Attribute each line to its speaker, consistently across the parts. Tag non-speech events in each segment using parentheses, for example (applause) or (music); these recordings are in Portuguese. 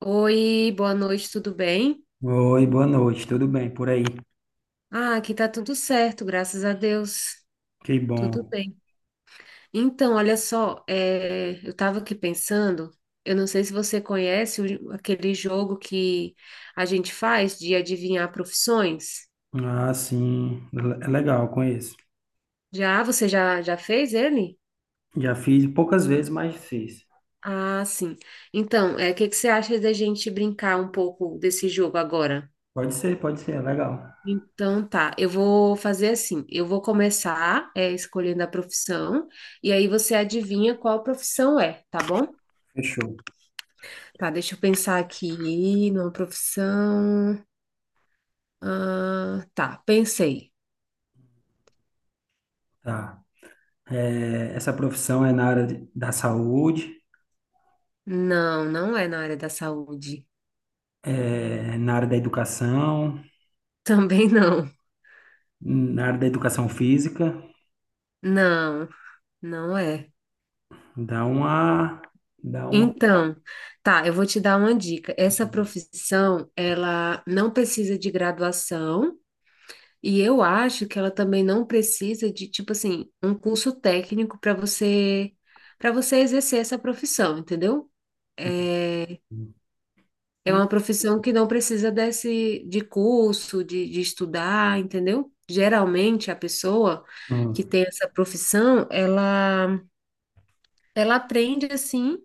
Speaker 1: Oi, boa noite, tudo bem?
Speaker 2: Oi, boa noite, tudo bem por aí?
Speaker 1: Ah, aqui tá tudo certo, graças a Deus.
Speaker 2: Que
Speaker 1: Tudo
Speaker 2: bom.
Speaker 1: bem. Então, olha só, eu tava aqui pensando, eu não sei se você conhece aquele jogo que a gente faz de adivinhar profissões.
Speaker 2: Ah, sim, é legal, conheço.
Speaker 1: Já, você já fez ele?
Speaker 2: Já fiz poucas vezes, mas fiz.
Speaker 1: Ah, sim. Então, é, o que que você acha da gente brincar um pouco desse jogo agora?
Speaker 2: Pode ser, é legal.
Speaker 1: Então tá, eu vou fazer assim, eu vou começar escolhendo a profissão e aí você adivinha qual profissão é, tá bom?
Speaker 2: Fechou.
Speaker 1: Tá, deixa eu pensar aqui numa profissão. Ah, tá, pensei.
Speaker 2: Tá. É, essa profissão é na da saúde,
Speaker 1: Não, não é na área da saúde.
Speaker 2: é, na área da educação,
Speaker 1: (laughs) Também não.
Speaker 2: na área da educação física.
Speaker 1: Não, não é.
Speaker 2: Dá uma, dá uma.
Speaker 1: Então, tá, eu vou te dar uma dica. Essa profissão, ela não precisa de graduação. E eu acho que ela também não precisa de, tipo assim, um curso técnico para você exercer essa profissão, entendeu? É,
Speaker 2: Hum,
Speaker 1: é
Speaker 2: hum,
Speaker 1: uma profissão que não precisa desse de curso, de estudar, entendeu? Geralmente a pessoa que
Speaker 2: hum.
Speaker 1: tem essa profissão, ela aprende assim,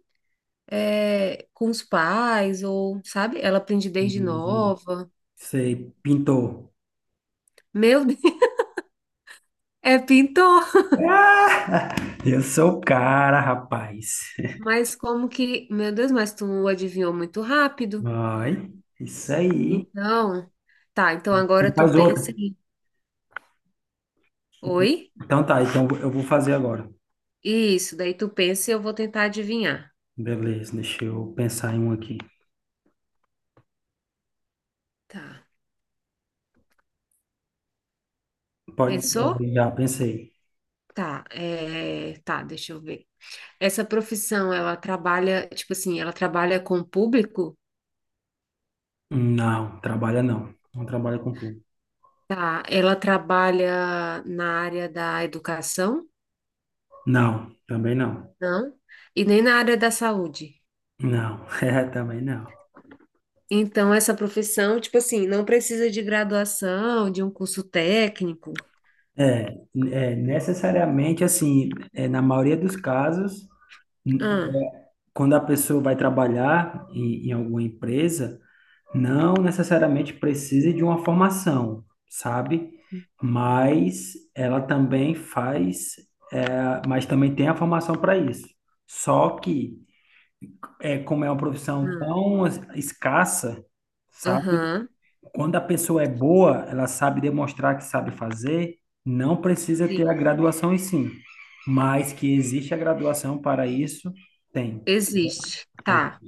Speaker 1: é, com os pais ou, sabe? Ela aprende desde
Speaker 2: hum, hum.
Speaker 1: nova.
Speaker 2: Sei, pintor.
Speaker 1: Meu Deus, (laughs) é pintor.
Speaker 2: Eu sou o cara, rapaz.
Speaker 1: Mas como que, meu Deus, mas tu adivinhou muito rápido.
Speaker 2: Vai. Isso aí.
Speaker 1: Então, tá, então agora
Speaker 2: Então
Speaker 1: tu
Speaker 2: Faz
Speaker 1: pensa
Speaker 2: outra.
Speaker 1: em, oi?
Speaker 2: Então tá, então eu vou fazer agora.
Speaker 1: Isso, daí tu pensa e eu vou tentar adivinhar.
Speaker 2: Beleza, deixa eu pensar em um aqui.
Speaker 1: Tá.
Speaker 2: Pode,
Speaker 1: Pensou?
Speaker 2: já pensei.
Speaker 1: Tá, é, tá, deixa eu ver. Essa profissão, ela trabalha, tipo assim, ela trabalha com o público?
Speaker 2: Não, trabalha não. Não trabalha com público.
Speaker 1: Tá, ela trabalha na área da educação?
Speaker 2: Não, também não.
Speaker 1: Não. E nem na área da saúde.
Speaker 2: Não, (laughs) também não.
Speaker 1: Então, essa profissão, tipo assim, não precisa de graduação, de um curso técnico.
Speaker 2: É, necessariamente assim, na maioria dos casos, n-
Speaker 1: Ah,
Speaker 2: quando a pessoa vai trabalhar em, alguma empresa, não necessariamente precisa de uma formação, sabe? Mas ela também faz, mas também tem a formação para isso. Só que, como é uma profissão
Speaker 1: ah,
Speaker 2: tão escassa, sabe?
Speaker 1: aham,
Speaker 2: Quando a pessoa é boa, ela sabe demonstrar que sabe fazer, não precisa ter a
Speaker 1: sim,
Speaker 2: graduação em si. Mas que existe a graduação para isso, tem.
Speaker 1: existe. Tá,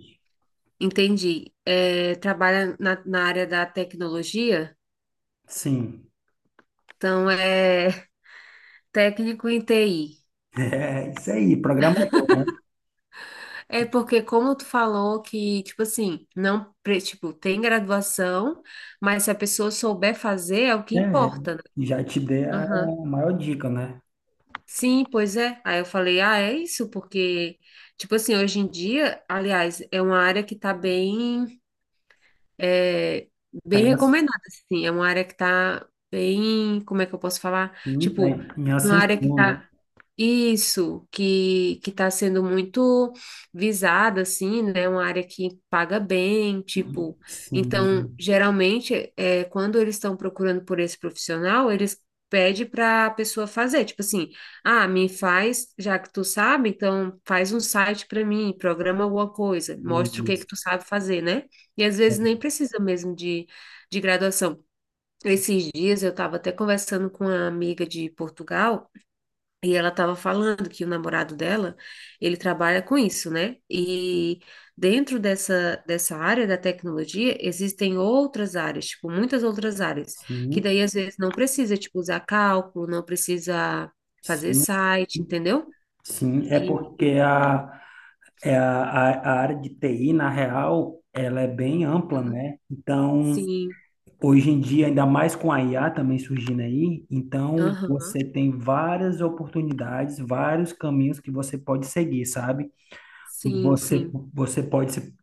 Speaker 1: entendi. É, trabalha na, na área da tecnologia,
Speaker 2: Sim,
Speaker 1: então é (laughs) técnico em TI.
Speaker 2: (laughs) é isso aí, programador, né?
Speaker 1: É porque, como tu falou que, tipo assim, não, pre- tipo, tem graduação, mas se a pessoa souber fazer, é o que
Speaker 2: É,
Speaker 1: importa, né?
Speaker 2: e já te dei a
Speaker 1: Aham.
Speaker 2: maior dica, né?
Speaker 1: Sim, pois é. Aí eu falei, ah, é isso, porque, tipo assim, hoje em dia, aliás, é uma área que tá bem. É
Speaker 2: Tá
Speaker 1: bem
Speaker 2: em, as-
Speaker 1: recomendada, assim. É uma área que tá bem, como é que eu posso falar?
Speaker 2: sim, tá
Speaker 1: Tipo,
Speaker 2: em
Speaker 1: uma área que
Speaker 2: ascensão, né?
Speaker 1: tá isso, que tá sendo muito visada, assim, né? Uma área que paga bem, tipo. Então,
Speaker 2: Sim,
Speaker 1: geralmente, é, quando eles estão procurando por esse profissional, eles pedem para a pessoa fazer, tipo assim, ah, me faz, já que tu sabe, então faz um site para mim, programa alguma coisa,
Speaker 2: meu
Speaker 1: mostra o que
Speaker 2: Deus.
Speaker 1: que tu sabe fazer, né? E às vezes nem
Speaker 2: É,
Speaker 1: precisa mesmo de graduação. Esses dias eu estava até conversando com uma amiga de Portugal e ela estava falando que o namorado dela, ele trabalha com isso, né? E dentro dessa, dessa área da tecnologia, existem outras áreas, tipo, muitas outras áreas, que
Speaker 2: sim,
Speaker 1: daí às vezes não precisa, tipo, usar cálculo, não precisa fazer
Speaker 2: sim,
Speaker 1: site, entendeu?
Speaker 2: sim. É
Speaker 1: E
Speaker 2: porque a, é a área de TI, na real, ela é bem ampla, né? Então,
Speaker 1: sim,
Speaker 2: hoje em dia, ainda mais com a IA também surgindo aí, então
Speaker 1: aham,
Speaker 2: você tem várias oportunidades, vários caminhos que você pode seguir, sabe?
Speaker 1: sim,
Speaker 2: Você,
Speaker 1: sim,
Speaker 2: você pode ser,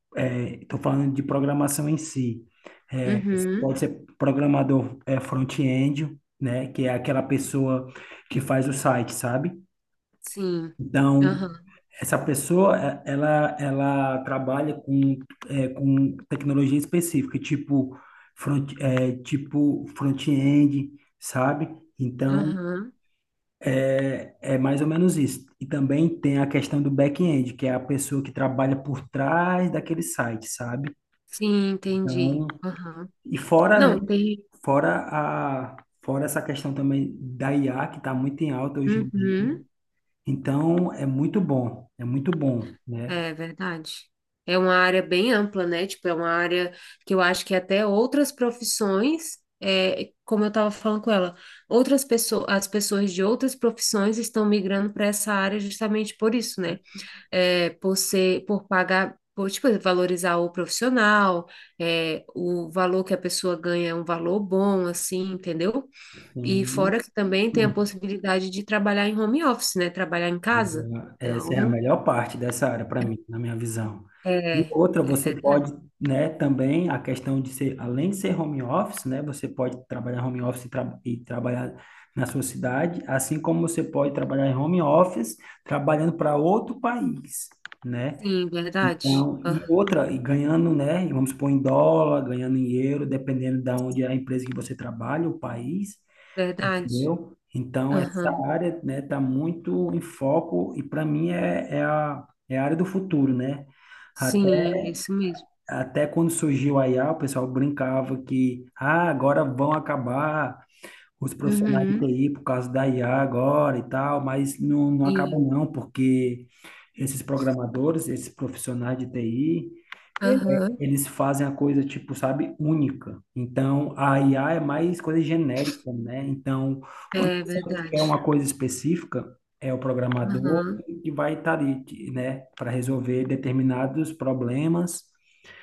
Speaker 2: estou falando de programação em si. Você
Speaker 1: uhum,
Speaker 2: pode ser programador front-end, né? Que é aquela pessoa que faz o site, sabe?
Speaker 1: sim,
Speaker 2: Então,
Speaker 1: aham.
Speaker 2: essa pessoa, ela trabalha com, com tecnologia específica, tipo front-end, sabe? Então,
Speaker 1: Aham.
Speaker 2: é mais ou menos isso. E também tem a questão do back-end, que é a pessoa que trabalha por trás daquele site, sabe?
Speaker 1: Sim, entendi.
Speaker 2: Então,
Speaker 1: Aham.
Speaker 2: e fora, né?
Speaker 1: Não, tem.
Speaker 2: Fora a, fora essa questão também da IA, que está muito em alta hoje em dia.
Speaker 1: Uhum.
Speaker 2: Então, é muito bom, né?
Speaker 1: É verdade. É uma área bem ampla, né? Tipo, é uma área que eu acho que até outras profissões, é, como eu estava falando com ela, outras pessoas, as pessoas de outras profissões estão migrando para essa área justamente por isso, né? É, por ser, por pagar, por, tipo, valorizar o profissional, é, o valor que a pessoa ganha é um valor bom, assim, entendeu? E
Speaker 2: Sim.
Speaker 1: fora que também tem a possibilidade de trabalhar em home office, né? Trabalhar em casa.
Speaker 2: Agora, essa é a
Speaker 1: Então,
Speaker 2: melhor parte dessa área para mim, na minha visão. E
Speaker 1: é,
Speaker 2: outra,
Speaker 1: é
Speaker 2: você
Speaker 1: verdade.
Speaker 2: pode, né, também a questão de ser, além de ser home office, né, você pode trabalhar home office e trabalhar na sua cidade, assim como você pode trabalhar em home office trabalhando para outro país, né?
Speaker 1: Sim, verdade.
Speaker 2: Então,
Speaker 1: Ah,
Speaker 2: e outra, e ganhando, né, vamos supor em dólar, ganhando em euro, dependendo da onde é a empresa que você trabalha, o país
Speaker 1: verdade.
Speaker 2: entendeu? Então, essa
Speaker 1: Aham.
Speaker 2: área, né, está muito em foco e para mim é a área do futuro, né? Até,
Speaker 1: Sim, é isso mesmo.
Speaker 2: até quando surgiu a IA, o pessoal brincava que ah, agora vão acabar os profissionais de
Speaker 1: Uhum.
Speaker 2: TI por causa da IA agora e tal, mas não, não acaba
Speaker 1: Sim.
Speaker 2: não, porque esses programadores, esses profissionais de TI,
Speaker 1: Aham.
Speaker 2: eles fazem a coisa, tipo, sabe, única. Então, a IA é mais coisa genérica, né? Então, quando
Speaker 1: É
Speaker 2: você quer
Speaker 1: verdade.
Speaker 2: uma coisa específica, é o programador
Speaker 1: Aham.
Speaker 2: que vai estar ali, que, né, para resolver determinados problemas,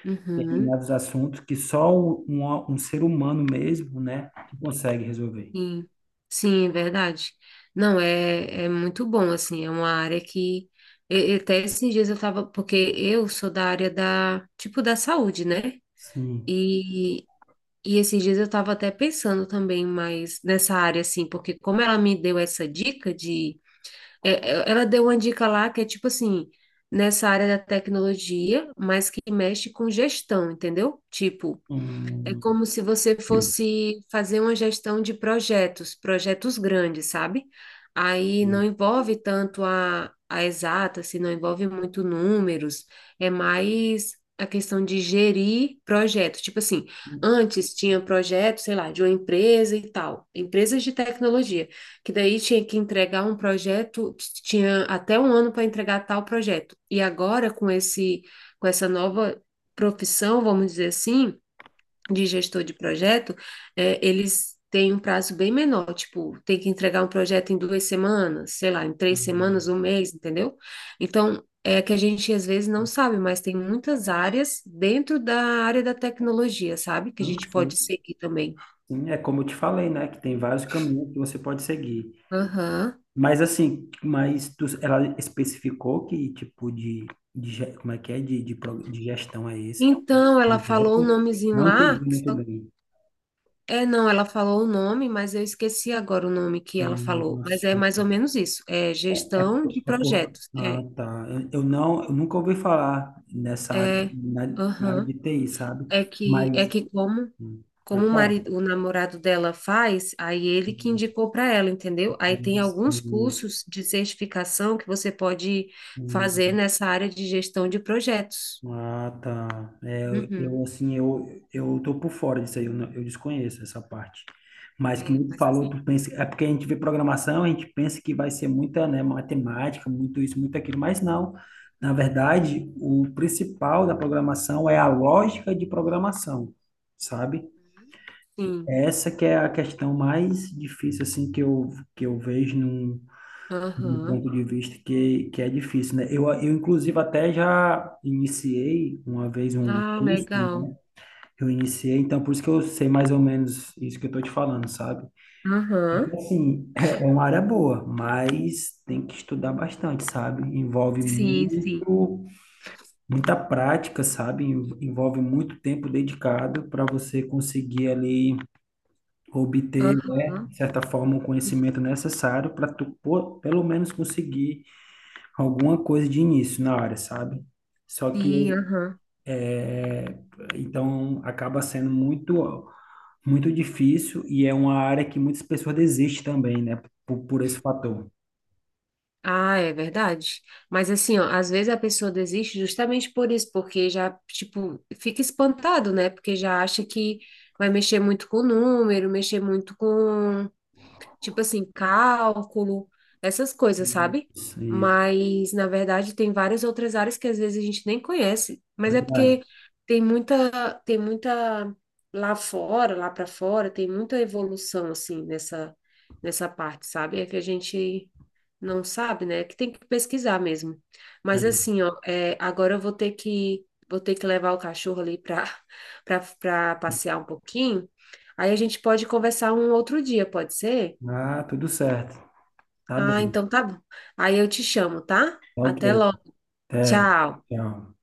Speaker 1: Uhum.
Speaker 2: determinados assuntos que só um ser humano mesmo, né, que consegue resolver.
Speaker 1: Sim. Sim, é verdade. Não, é, é muito bom, assim, é uma área que. E até esses dias eu tava, porque eu sou da área da, tipo, da saúde, né?
Speaker 2: Sim.
Speaker 1: E, e esses dias eu estava até pensando também mais nessa área, assim, porque como ela me deu essa dica de. Ela deu uma dica lá que é tipo assim, nessa área da tecnologia, mas que mexe com gestão, entendeu? Tipo, é
Speaker 2: Hum,
Speaker 1: como se você
Speaker 2: hum,
Speaker 1: fosse fazer uma gestão de projetos, projetos grandes, sabe? Aí não
Speaker 2: hum,
Speaker 1: envolve tanto a exata, se não envolve muito números, é mais a questão de gerir projetos. Tipo assim, antes tinha projeto, sei lá, de uma empresa e tal, empresas de tecnologia, que daí tinha que entregar um projeto, tinha até um ano para entregar tal projeto. E agora com esse, com essa nova profissão, vamos dizer assim, de gestor de projeto, é, eles têm um prazo bem menor, tipo, tem que entregar um projeto em duas semanas, sei lá, em três
Speaker 2: hum.
Speaker 1: semanas, um mês, entendeu? Então, é que a gente às vezes não sabe, mas tem muitas áreas dentro da área da tecnologia, sabe? Que a
Speaker 2: Enfim,
Speaker 1: gente pode
Speaker 2: sim,
Speaker 1: seguir também.
Speaker 2: sim. É como eu te falei, né? Que tem vários caminhos que você pode seguir.
Speaker 1: Aham.
Speaker 2: Mas assim, ela especificou que tipo como é que é? De gestão é esse
Speaker 1: Então, ela falou o
Speaker 2: projeto?
Speaker 1: nomezinho
Speaker 2: Não entendi
Speaker 1: lá,
Speaker 2: muito bem.
Speaker 1: é, não, ela falou o nome, mas eu esqueci agora o nome que ela falou. Mas é
Speaker 2: Sim.
Speaker 1: mais ou menos isso, é
Speaker 2: é,
Speaker 1: gestão
Speaker 2: por-
Speaker 1: de
Speaker 2: É por,
Speaker 1: projetos.
Speaker 2: ah,
Speaker 1: É,
Speaker 2: tá. Eu nunca ouvi falar nessa área,
Speaker 1: é,
Speaker 2: na área
Speaker 1: aham.
Speaker 2: de TI, sabe?
Speaker 1: É
Speaker 2: Mas
Speaker 1: que como,
Speaker 2: hum,
Speaker 1: como
Speaker 2: pode
Speaker 1: o
Speaker 2: falar.
Speaker 1: marido, o namorado dela faz, aí ele que
Speaker 2: Hum,
Speaker 1: indicou para ela, entendeu? Aí tem
Speaker 2: mas,
Speaker 1: alguns cursos de certificação que você pode fazer
Speaker 2: Hum,
Speaker 1: nessa área de gestão de projetos.
Speaker 2: Ah, tá. É,
Speaker 1: Uhum.
Speaker 2: eu assim, eu tô por fora disso aí, eu, não- eu desconheço essa parte. Mas que
Speaker 1: É,
Speaker 2: nem tu
Speaker 1: mas
Speaker 2: falou,
Speaker 1: tem.
Speaker 2: tu pensa, é porque a gente vê programação, a gente pensa que vai ser muita, né, matemática, muito isso, muito aquilo, mas não. Na verdade, o principal da programação é a lógica de programação, sabe?
Speaker 1: Uhum. Sim.
Speaker 2: Essa que é a questão mais difícil assim que eu vejo num do
Speaker 1: Aham.
Speaker 2: ponto de vista que, é difícil, né? Eu, inclusive, até já iniciei uma vez um
Speaker 1: Ah,
Speaker 2: curso,
Speaker 1: legal.
Speaker 2: né? Eu iniciei, então por isso que eu sei mais ou menos isso que eu tô te falando, sabe?
Speaker 1: Aham.
Speaker 2: Então, assim, (laughs) é uma área boa, mas tem que estudar bastante, sabe? Envolve
Speaker 1: Sim, sim.
Speaker 2: muita prática, sabe? Envolve muito tempo dedicado para você conseguir ali obter, né,
Speaker 1: Aham.
Speaker 2: de certa forma, o
Speaker 1: Sim,
Speaker 2: conhecimento necessário para tu, pô, pelo menos conseguir alguma coisa de início na área, sabe? Só que
Speaker 1: sim, aham.
Speaker 2: é, então acaba sendo muito muito difícil e é uma área que muitas pessoas desistem também, né? Por esse fator.
Speaker 1: Ah, é verdade. Mas assim, ó, às vezes a pessoa desiste justamente por isso, porque já, tipo, fica espantado, né? Porque já acha que vai mexer muito com o número, mexer muito com tipo assim, cálculo, essas coisas,
Speaker 2: Uhum.
Speaker 1: sabe?
Speaker 2: Isso,
Speaker 1: Mas, na verdade, tem várias outras áreas que às vezes a gente nem conhece, mas é
Speaker 2: verdade.
Speaker 1: porque tem muita lá fora, lá para fora, tem muita evolução, assim, nessa, nessa parte, sabe? É que a gente não sabe, né? É que tem que pesquisar mesmo. Mas,
Speaker 2: É.
Speaker 1: assim, ó, é, agora eu vou ter que levar o cachorro ali para passear um pouquinho. Aí a gente pode conversar um outro dia, pode ser?
Speaker 2: Ah, tudo certo. Tá
Speaker 1: Ah,
Speaker 2: bem.
Speaker 1: então tá bom. Aí eu te chamo, tá?
Speaker 2: Tá ok.
Speaker 1: Até logo.
Speaker 2: Até.
Speaker 1: Tchau.
Speaker 2: Tchau.